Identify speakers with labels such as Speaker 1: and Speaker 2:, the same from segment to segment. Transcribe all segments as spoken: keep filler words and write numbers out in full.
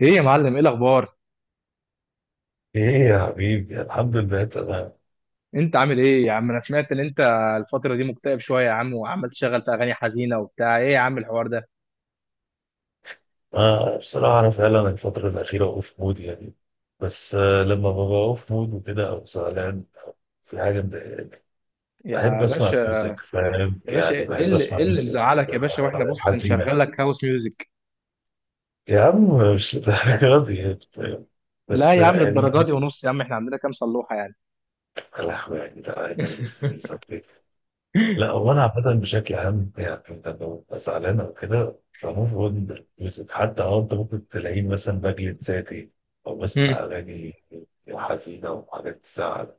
Speaker 1: ايه يا معلم، ايه الاخبار؟
Speaker 2: ايه يا حبيبي، الحمد لله تمام.
Speaker 1: انت عامل ايه يا عم؟ انا سمعت ان انت الفتره دي مكتئب شويه يا عم، وعمال تشغل في اغاني حزينه وبتاع. ايه يا عم الحوار ده؟
Speaker 2: آه بصراحة أنا فعلا الفترة الأخيرة أوف مود يعني. بس آه لما ببقى أوف مود وكده أو زعلان أو في حاجة مضايقاني،
Speaker 1: يا
Speaker 2: بحب
Speaker 1: باشا،
Speaker 2: أسمع ميوزك. فاهم؟
Speaker 1: يا باشا
Speaker 2: يعني
Speaker 1: ايه
Speaker 2: بحب
Speaker 1: اللي
Speaker 2: أسمع
Speaker 1: ايه اللي
Speaker 2: ميوزك
Speaker 1: مزعلك
Speaker 2: آه،
Speaker 1: يا باشا؟ واحنا بص نشغل
Speaker 2: حزينة.
Speaker 1: لك هاوس ميوزك.
Speaker 2: يا عم مش للدرجة دي يعني، فاهم؟
Speaker 1: لا
Speaker 2: بس
Speaker 1: يا عم
Speaker 2: آه، يعني
Speaker 1: للدرجه
Speaker 2: ما
Speaker 1: دي ونص يا عم، احنا عندنا كام صلوحه يعني.
Speaker 2: تقلق يعني، ده أنا اللي ثبت. لا هو انا عامه بشكل عام يعني لما ببقى زعلان او كده بموف اون بالميوزك. حتى اه انت ممكن تلاقيني مثلا بجلد ذاتي او
Speaker 1: مم.
Speaker 2: بسمع اغاني حزينه وحاجات تزعل.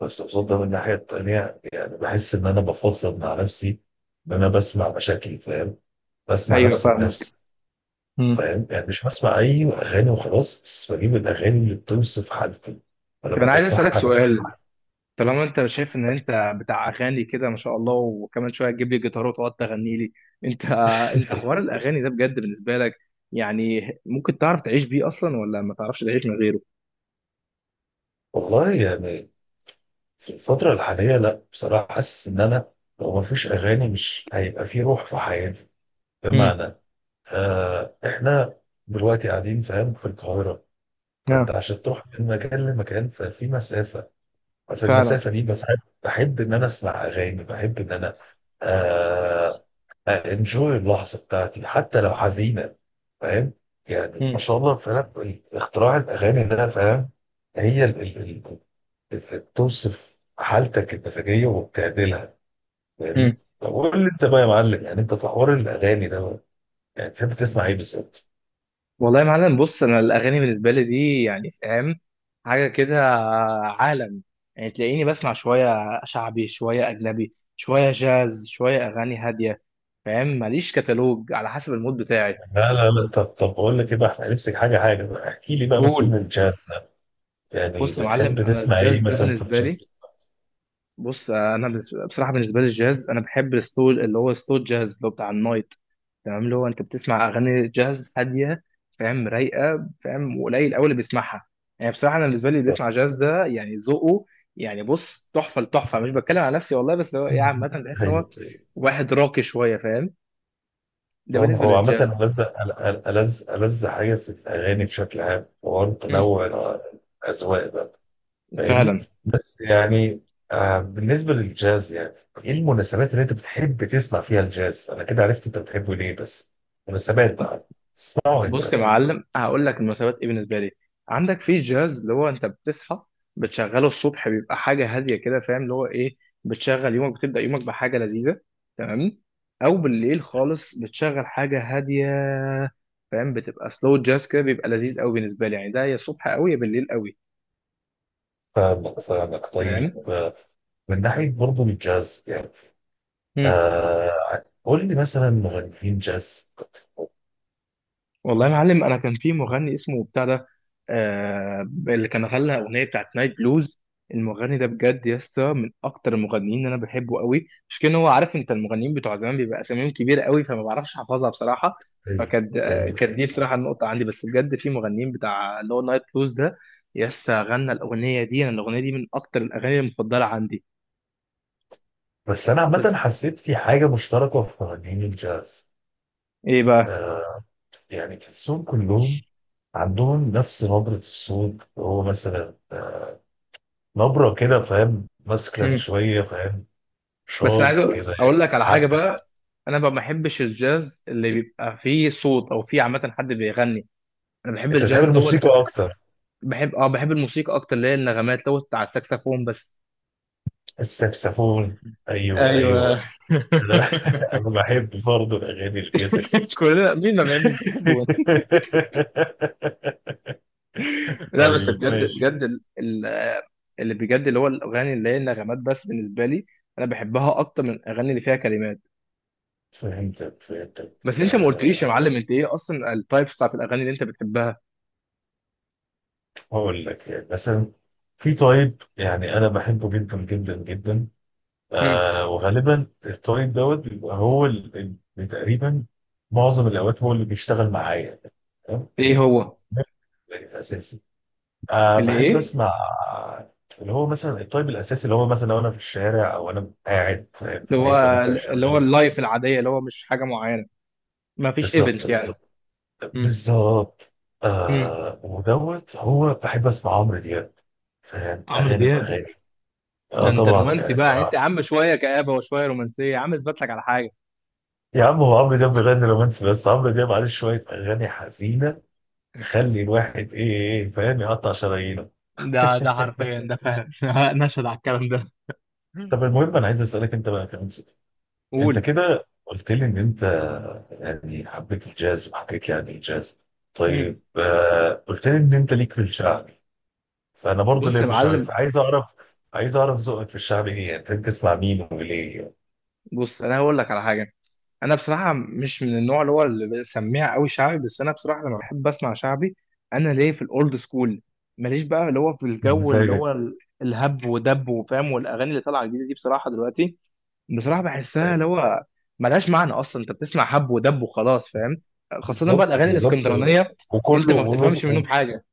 Speaker 2: بس قصاد ده من الناحيه التانيه يعني بحس ان انا بفضفض مع نفسي، ان انا بسمع مشاكلي. فاهم؟ بسمع
Speaker 1: ايوه
Speaker 2: نفسي
Speaker 1: فاهمك.
Speaker 2: بنفسي.
Speaker 1: مم.
Speaker 2: فاهم؟ يعني مش بسمع اي اغاني وخلاص، بس بجيب الاغاني اللي بتوصف حالتي،
Speaker 1: طب
Speaker 2: فلما
Speaker 1: انا عايز
Speaker 2: بسمعها
Speaker 1: اسالك سؤال.
Speaker 2: بفتحها.
Speaker 1: طالما انت شايف ان انت بتاع اغاني كده ما شاء الله، وكمان شويه تجيب لي جيتار وتقعد تغني لي. انت انت حوار الاغاني ده بجد بالنسبه لك يعني ممكن تعرف تعيش بيه اصلا، ولا ما تعرفش تعيش من غيره؟
Speaker 2: والله يعني في الفترة الحالية لا، بصراحة حاسس إن أنا لو مفيش أغاني مش هيبقى في روح في حياتي.
Speaker 1: امم.
Speaker 2: بمعنى آه إحنا دلوقتي قاعدين فاهم في القاهرة، فأنت
Speaker 1: اه
Speaker 2: عشان تروح من مكان لمكان ففي مسافة. ففي
Speaker 1: فعلا.
Speaker 2: المسافة دي بس بحب بحب إن أنا أسمع أغاني، بحب إن أنا آه أنجوي اللحظة بتاعتي حتى لو حزينة. فاهم؟ يعني ما
Speaker 1: امم.
Speaker 2: شاء الله فعلا اختراع الأغاني ده، فاهم؟ هي بتوصف حالتك المزاجيه وبتعدلها. فاهمني؟
Speaker 1: امم.
Speaker 2: طب قول لي انت بقى يا معلم، يعني انت في حوار الاغاني ده بقى، يعني بتحب تسمع ايه بالظبط؟
Speaker 1: والله يا معلم، بص انا الاغاني بالنسبه لي دي يعني فاهم، حاجه كده، عالم. يعني تلاقيني بسمع شويه شعبي، شويه اجنبي، شويه جاز، شويه اغاني هاديه. فاهم، ماليش كتالوج، على حسب المود بتاعي.
Speaker 2: لا لا لا، طب طب بقول لك ايه بقى، احنا هنمسك حاجه حاجه بقى. احكي لي بقى مثلا
Speaker 1: قول.
Speaker 2: الجاز ده، يعني
Speaker 1: بص يا
Speaker 2: بتحب
Speaker 1: معلم انا
Speaker 2: تسمع ايه
Speaker 1: الجاز ده
Speaker 2: مثلا في
Speaker 1: بالنسبه
Speaker 2: الجاز؟
Speaker 1: لي، بص انا بس- بصراحه بالنسبه لي الجاز، انا بحب الستول اللي هو ستول جاز، اللي هو بتاع النايت. تمام، اللي هو انت بتسمع اغاني جاز هاديه، فاهم، رايقه، فاهم، وقليل قوي اللي بيسمعها. يعني بصراحه انا بالنسبه لي اللي بيسمع جاز ده يعني ذوقه، يعني بص تحفه لتحفه. مش بتكلم على نفسي والله، بس هو يعني عامه
Speaker 2: مهم.
Speaker 1: بحس ان هو
Speaker 2: ايوه ايوه.
Speaker 1: واحد راقي شويه، فاهم. ده
Speaker 2: طبعا
Speaker 1: بالنسبه
Speaker 2: هو عامة
Speaker 1: للجاز.
Speaker 2: ألذ أل- أل- ألذ ألذ حاجة في الأغاني بشكل عام هو
Speaker 1: مم.
Speaker 2: تنوع الأذواق ده. فاهمني؟
Speaker 1: فعلا.
Speaker 2: بس يعني آه بالنسبه للجاز يعني ايه المناسبات اللي انت بتحب تسمع فيها الجاز؟ انا كده عرفت انت بتحبه ليه بس، مناسبات بقى تسمعه
Speaker 1: بص يا
Speaker 2: انت.
Speaker 1: معلم هقول لك المناسبات ايه بالنسبه لي. عندك في الجاز، اللي هو انت بتصحى بتشغله الصبح، بيبقى حاجه هاديه كده، فاهم، اللي هو ايه، بتشغل يومك، بتبدا يومك بحاجه لذيذه. تمام. او بالليل خالص بتشغل حاجه هاديه، فاهم، بتبقى سلو جاز كده، بيبقى لذيذ قوي بالنسبه لي، يعني ده يا الصبح قوي يا بالليل قوي.
Speaker 2: فاهمك فاهمك
Speaker 1: فاهم.
Speaker 2: طيب. آه، من ناحيه برضه الجاز يعني آه قول لي مثلا مغنيين جاز.
Speaker 1: والله يا معلم، انا كان في مغني اسمه بتاع ده، آه، اللي كان غنى اغنيه بتاعت نايت بلوز. المغني ده بجد يا اسطى من اكتر المغنيين اللي انا بحبه قوي، مش كان هو، عارف انت المغنيين بتوع زمان بيبقى اساميهم كبيره قوي، فما بعرفش احفظها بصراحه.
Speaker 2: طيب،
Speaker 1: فكانت آه،
Speaker 2: ايوه
Speaker 1: كانت دي
Speaker 2: ايوه.
Speaker 1: بصراحه النقطه عندي، بس بجد في مغنيين بتاع اللي هو نايت بلوز ده يا اسطى، غنى الاغنيه دي. انا الاغنيه دي من اكتر الاغاني المفضله عندي.
Speaker 2: بس انا عامه
Speaker 1: بس
Speaker 2: حسيت في حاجه مشتركه في مغنيين الجاز
Speaker 1: ايه بقى؟
Speaker 2: آه يعني تحسهم كلهم عندهم نفس نبره الصوت، هو مثلا نبرة كده، فاهم؟ مسكن شوية، فاهم؟
Speaker 1: بس انا عايز
Speaker 2: شاط
Speaker 1: اقول
Speaker 2: كده يعني.
Speaker 1: أقول لك على حاجه
Speaker 2: حتى
Speaker 1: بقى. انا بقى ما بحبش الجاز اللي بيبقى فيه صوت او فيه عامه حد بيغني. انا بحب
Speaker 2: انت بتحب
Speaker 1: الجاز اللي هو الس-
Speaker 2: الموسيقى
Speaker 1: الس-
Speaker 2: اكتر.
Speaker 1: بحب اه، بحب الموسيقى اكتر، اللي هي النغمات، اللي هو بتاع الساكسفون بس.
Speaker 2: السكسفون، ايوه
Speaker 1: ايوه.
Speaker 2: ايوه. انا انا بحب برضه الاغاني اللي فيها سكسفون.
Speaker 1: كلنا مين ما بيحبش الساكسفون؟ لا بس
Speaker 2: طيب
Speaker 1: بجد
Speaker 2: ماشي.
Speaker 1: بجد ال- ال- اللي بجد اللي هو الاغاني اللي هي النغمات بس، بالنسبه لي انا بحبها اكتر من الاغاني اللي فيها كلمات.
Speaker 2: فهمتك فهمتك
Speaker 1: بس انت ما
Speaker 2: أه.
Speaker 1: قلتليش يا معلم انت ايه اصلا التايبس بتاعت الاغاني اللي انت بتحبها.
Speaker 2: هقول لك يعني مثلا في طيب يعني انا بحبه جدا جدا جدا.
Speaker 1: مم.
Speaker 2: أه، وغالبا الطيب دوت بيبقى هو اللي تقريبا معظم الاوقات هو اللي بيشتغل معايا. تمام؟
Speaker 1: ايه
Speaker 2: ال-
Speaker 1: هو؟
Speaker 2: ده الاساسي. أه
Speaker 1: اللي
Speaker 2: بحب
Speaker 1: ايه؟
Speaker 2: اسمع اللي هو مثلا الطيب الاساسي، اللي هو مثلا لو انا في الشارع او انا قاعد في
Speaker 1: اللي
Speaker 2: في
Speaker 1: هو
Speaker 2: حته ممكن اشغله.
Speaker 1: اللي هو اللايف العاديه، اللي هو مش حاجه معينه، ما فيش
Speaker 2: بالظبط
Speaker 1: ايفنت يعني.
Speaker 2: بالظبط
Speaker 1: امم.
Speaker 2: بالظبط.
Speaker 1: امم.
Speaker 2: آه ودوت هو بحب اسمع عمرو دياب. فاهم؟
Speaker 1: عمرو
Speaker 2: اغاني
Speaker 1: دياب؟
Speaker 2: باغاني.
Speaker 1: ده
Speaker 2: اه
Speaker 1: انت
Speaker 2: طبعا
Speaker 1: رومانسي
Speaker 2: يعني
Speaker 1: بقى انت يا
Speaker 2: بصراحه.
Speaker 1: عم، شويه كآبه وشويه رومانسيه. يا عم اثبت لك على حاجه.
Speaker 2: يا عم هو عمرو دياب بيغني رومانسي، بس عمرو دياب عليه شويه اغاني حزينه تخلي الواحد ايه ايه إيه، فاهم؟ يقطع شرايينه.
Speaker 1: ده ده حرفيا ده فاهم. نشهد على الكلام ده.
Speaker 2: طب المهم انا عايز اسالك انت بقى كمان. انت
Speaker 1: قول.
Speaker 2: كده قلت لي ان انت يعني حبيت الجاز وحكيت لي عن الجاز.
Speaker 1: مم.
Speaker 2: طيب، آه، قلت لي ان انت ليك في الشعبي، فانا برضه
Speaker 1: بص
Speaker 2: ليا
Speaker 1: يا
Speaker 2: في الشعبي.
Speaker 1: معلم،
Speaker 2: فعايز اعرف عايز اعرف ذوقك في الشعبي ايه، يعني بتحب تسمع مين وليه يعني.
Speaker 1: بص انا هقول لك على حاجه. انا بصراحه مش من النوع اللي هو اللي بسميها قوي شعبي، بس انا بصراحه لما بحب اسمع شعبي، انا ليه في الاولد سكول. ماليش بقى اللي هو في الجو اللي
Speaker 2: مزاجك.
Speaker 1: هو ال- الهب ودب وفاهم، والاغاني اللي طالعه جديده دي بصراحه دلوقتي، بصراحه بحسها اللي
Speaker 2: طيب،
Speaker 1: هو ملهاش معنى اصلا. انت بتسمع هب ودب وخلاص فاهم. خاصه بقى
Speaker 2: بالظبط
Speaker 1: الاغاني
Speaker 2: بالظبط.
Speaker 1: الاسكندرانيه، انت
Speaker 2: وكله
Speaker 1: ما
Speaker 2: وله-
Speaker 1: بتفهمش منهم حاجه.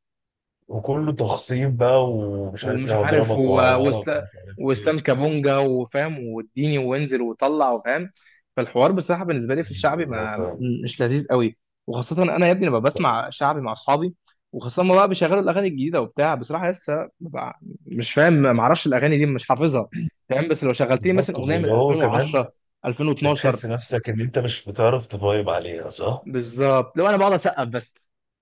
Speaker 2: وكله تخصيم بقى، ومش عارف
Speaker 1: ومش
Speaker 2: ايه
Speaker 1: عارف
Speaker 2: هضربك
Speaker 1: و...
Speaker 2: وهعورك
Speaker 1: وإسلا-
Speaker 2: ومش عارف
Speaker 1: واسلام
Speaker 2: ايه.
Speaker 1: كابونجا وفاهم، واديني وانزل وطلع، وفاهم. فالحوار بصراحه بالنسبه لي في
Speaker 2: ايوه
Speaker 1: الشعبي
Speaker 2: أيوة،
Speaker 1: ما،
Speaker 2: فاهم.
Speaker 1: مش لذيذ قوي. وخاصه انا يا ابني لما
Speaker 2: طيب،
Speaker 1: بسمع شعبي مع اصحابي، وخاصه ما بقى بيشغلوا الاغاني الجديده وبتاع، بصراحه لسه ببقى مش فاهم، ما اعرفش الاغاني دي، مش حافظها، فاهم. بس لو شغلت لي مثلا
Speaker 2: بالظبط.
Speaker 1: اغنيه من
Speaker 2: واللي هو كمان
Speaker 1: ألفين وعشرة، ألفين واثنا عشر،
Speaker 2: بتحس نفسك ان انت مش بتعرف تفايب عليها، صح؟
Speaker 1: بالظبط. لو انا بقعد اسقف بس،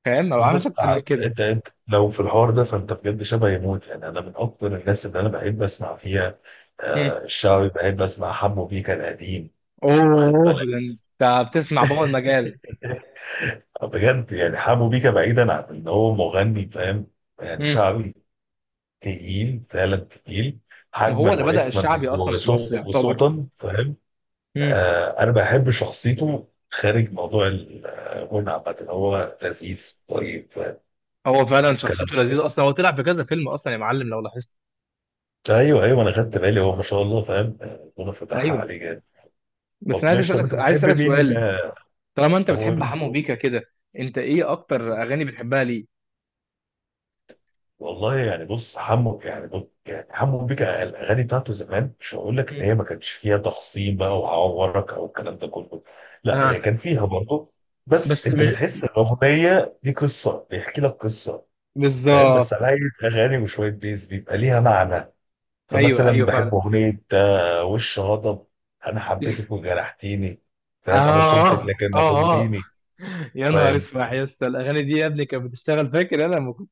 Speaker 1: فاهم، ما بعملش
Speaker 2: بالظبط.
Speaker 1: اكتر
Speaker 2: ع-
Speaker 1: من كده.
Speaker 2: انت انت لو في الحوار ده فانت بجد شبه يموت يعني. انا من اكتر الناس اللي انا بحب اسمع فيها
Speaker 1: مم.
Speaker 2: آه الشعبي. بحب اسمع حمو بيكا القديم، واخد
Speaker 1: اوه
Speaker 2: بالك؟
Speaker 1: ده انت بتسمع بابا المجال.
Speaker 2: بجد يعني حمو بيكا بعيدا عن ان هو مغني، فاهم؟ يعني شعبي تقيل فعلا تقيل،
Speaker 1: ما هو
Speaker 2: حجما
Speaker 1: اللي بدأ
Speaker 2: واسما
Speaker 1: الشعبي اصلا في مصر
Speaker 2: وصو-
Speaker 1: يعتبر.
Speaker 2: وصوتا. فاهم؟
Speaker 1: امم.
Speaker 2: آه انا بحب شخصيته خارج موضوع الغنى، عامة هو لذيذ طيب. فاهم
Speaker 1: هو فعلا
Speaker 2: الكلام؟
Speaker 1: شخصيته لذيذه اصلا، هو طلع في كذا فيلم اصلا يا معلم لو لاحظت.
Speaker 2: ايوه ايوه انا خدت بالي هو ما شاء الله، فاهم؟ ربنا فتحها
Speaker 1: ايوه.
Speaker 2: عليه جامد.
Speaker 1: بس انا
Speaker 2: طب
Speaker 1: عايز
Speaker 2: ماشي، طب
Speaker 1: اسالك
Speaker 2: انت
Speaker 1: عايز
Speaker 2: بتحب
Speaker 1: اسالك
Speaker 2: مين؟
Speaker 1: سؤال،
Speaker 2: آه،
Speaker 1: طالما انت
Speaker 2: طب هو-
Speaker 1: بتحب حمو بيكا كده، انت ايه اكتر اغاني بتحبها ليه؟
Speaker 2: والله يعني بص حمو يعني، بص يعني حمو بيكا الاغاني بتاعته زمان مش هقول لك ان هي
Speaker 1: امم.
Speaker 2: ما كانش فيها تخصيم بقى وعورك او الكلام ده كله، لا هي
Speaker 1: اه.
Speaker 2: كان فيها برضه. بس
Speaker 1: بس
Speaker 2: انت
Speaker 1: مش،
Speaker 2: بتحس ان الاغنيه دي قصه، بيحكي لك قصه. فاهم؟ بس
Speaker 1: بالظبط.
Speaker 2: على اغاني وشويه بيز بيبقى ليها معنى.
Speaker 1: ايوه
Speaker 2: فمثلا
Speaker 1: ايوه
Speaker 2: بحب
Speaker 1: فعلا.
Speaker 2: اغنيه آه، وش غضب: انا حبيتك وجرحتيني، فاهم؟ انا
Speaker 1: اه
Speaker 2: صمتك
Speaker 1: اه
Speaker 2: لكن ما
Speaker 1: اه.
Speaker 2: خنتيني.
Speaker 1: يا نهار
Speaker 2: فاهم؟
Speaker 1: اسمع يا اسطى، الاغاني دي يا ابني كانت بتشتغل، فاكر انا لما كنت،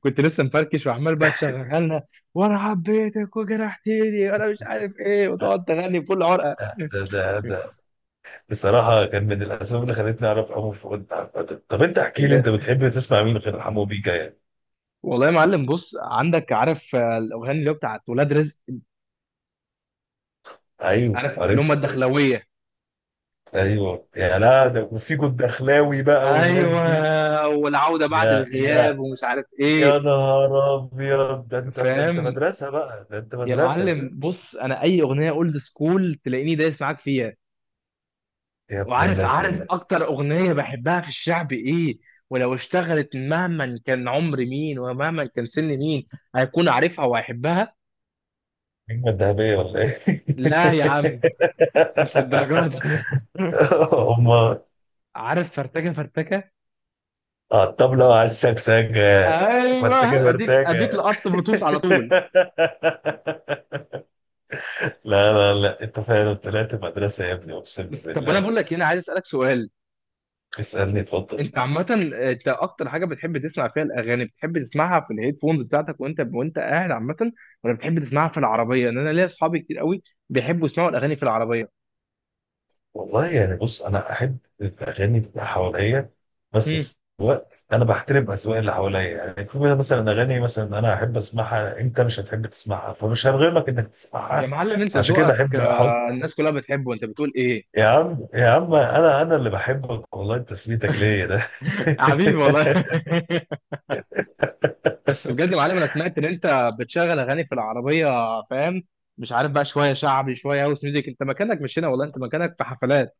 Speaker 1: كنت لسه مفركش، وعمال بقى تشغلها لنا. وانا حبيتك وجرحتني وانا مش عارف ايه،
Speaker 2: آه،
Speaker 1: وتقعد تغني بكل عرقه.
Speaker 2: آه، ده ده ده بصراحه كان من الاسباب اللي خلتني اعرف حمو بيكا. طب انت احكي لي انت
Speaker 1: يا-
Speaker 2: بتحب تسمع مين غير حمو بيكا يعني.
Speaker 1: والله يا معلم بص، عندك عارف آه، الاغاني اللي هو بتاعت ولاد رزق،
Speaker 2: ايوه
Speaker 1: عارف اللي هم
Speaker 2: عارفها.
Speaker 1: الدخلاويه.
Speaker 2: ايوه يا لا، ده وفي جد اخلاوي بقى والناس دي.
Speaker 1: ايوه والعوده بعد
Speaker 2: يا يا
Speaker 1: الغياب ومش عارف ايه.
Speaker 2: يا نهار ابيض، ده انت، ده انت
Speaker 1: فاهم.
Speaker 2: مدرسه بقى، ده انت
Speaker 1: يا
Speaker 2: مدرسه
Speaker 1: معلم بص انا اي اغنيه اولد سكول تلاقيني دايس معاك فيها.
Speaker 2: يا ابن
Speaker 1: وعارف عارف
Speaker 2: اللذين.
Speaker 1: اكتر اغنيه بحبها في الشعب ايه؟ ولو اشتغلت مهما كان عمر مين ومهما كان سن مين هيكون عارفها وهيحبها.
Speaker 2: النجمة الذهبية ولا ايه؟
Speaker 1: لا يا عم مش الدرجات دي.
Speaker 2: هما
Speaker 1: عارف؟ فرتكه فرتكه.
Speaker 2: على الطبلة على السكسكة.
Speaker 1: ايوه
Speaker 2: فانت كده
Speaker 1: اديك اديك
Speaker 2: مرتاجة.
Speaker 1: لقط بلوتوث على طول.
Speaker 2: لا لا لا، انت فعلا طلعت مدرسة يا ابني اقسم
Speaker 1: بس طب انا
Speaker 2: بالله.
Speaker 1: بقول لك هنا عايز اسالك سؤال.
Speaker 2: اسألني، اتفضل.
Speaker 1: انت عامه، انت اكتر حاجه بتحب تسمع فيها الاغاني، بتحب تسمعها في الهيدفونز بتاعتك وانت وانت قاعد عامه، ولا بتحب تسمعها في العربيه؟ ان انا ليا اصحابي كتير قوي بيحبوا يسمعوا الاغاني في العربيه.
Speaker 2: والله يعني بص انا احب الاغاني تبقى حواليا، بس
Speaker 1: مم.
Speaker 2: في وقت انا بحترم اذواق اللي حواليا يعني. في مثلا اغاني مثلا انا احب اسمعها انت مش هتحب تسمعها، فمش هرغمك انك
Speaker 1: يا
Speaker 2: تسمعها.
Speaker 1: معلم انت
Speaker 2: عشان كده
Speaker 1: ذوقك
Speaker 2: بحب احاول.
Speaker 1: آه، الناس كلها بتحبه، انت بتقول ايه؟
Speaker 2: يا عم يا عم انا، انا اللي بحبك والله، تسميتك ليا ده.
Speaker 1: حبيبي والله. بس بجد يا معلم، انا سمعت ان انت بتشغل اغاني في العربيه، فاهم، مش عارف بقى شويه شعبي شويه هاوس ميوزك. انت مكانك مش هنا والله، انت مكانك في حفلات.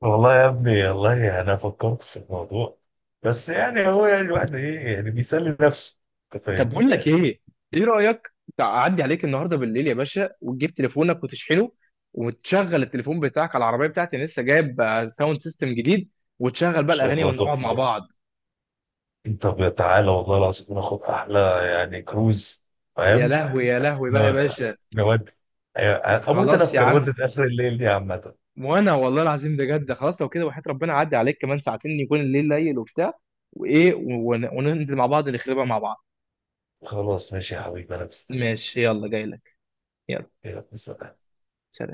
Speaker 2: والله يا ابني والله انا فكرت في الموضوع. بس يعني هو يعني الواحد ايه يعني بيسلي نفسه. انت
Speaker 1: طب
Speaker 2: فاهمني؟ ان
Speaker 1: بقول لك ايه، ايه رايك تعدي عليك النهارده بالليل يا باشا، وتجيب تليفونك وتشحنه، وتشغل التليفون بتاعك على العربيه بتاعتي، انا لسه جايب آه، ساوند سيستم جديد، وتشغل بقى
Speaker 2: شاء
Speaker 1: الاغاني
Speaker 2: الله
Speaker 1: ونقعد
Speaker 2: تحفه
Speaker 1: مع
Speaker 2: ده.
Speaker 1: بعض.
Speaker 2: انت ب- تعالى والله العظيم ناخد احلى يعني كروز.
Speaker 1: يا
Speaker 2: فاهم؟
Speaker 1: لهوي يا لهوي بقى يا
Speaker 2: ن-
Speaker 1: باشا.
Speaker 2: نودي. أيوة، اموت انا
Speaker 1: خلاص
Speaker 2: في
Speaker 1: يا عم.
Speaker 2: كروزه اخر الليل دي عامه.
Speaker 1: وانا والله العظيم بجد خلاص لو كده، وحياة ربنا عدي عليك كمان ساعتين يكون الليل ليل وبتاع، وايه ون- وننزل مع بعض نخربها مع بعض.
Speaker 2: خلاص ماشي يا حبيبي انا مستني.
Speaker 1: ماشي يلا جاي لك. يلا.
Speaker 2: يلا، سلام.
Speaker 1: سلام.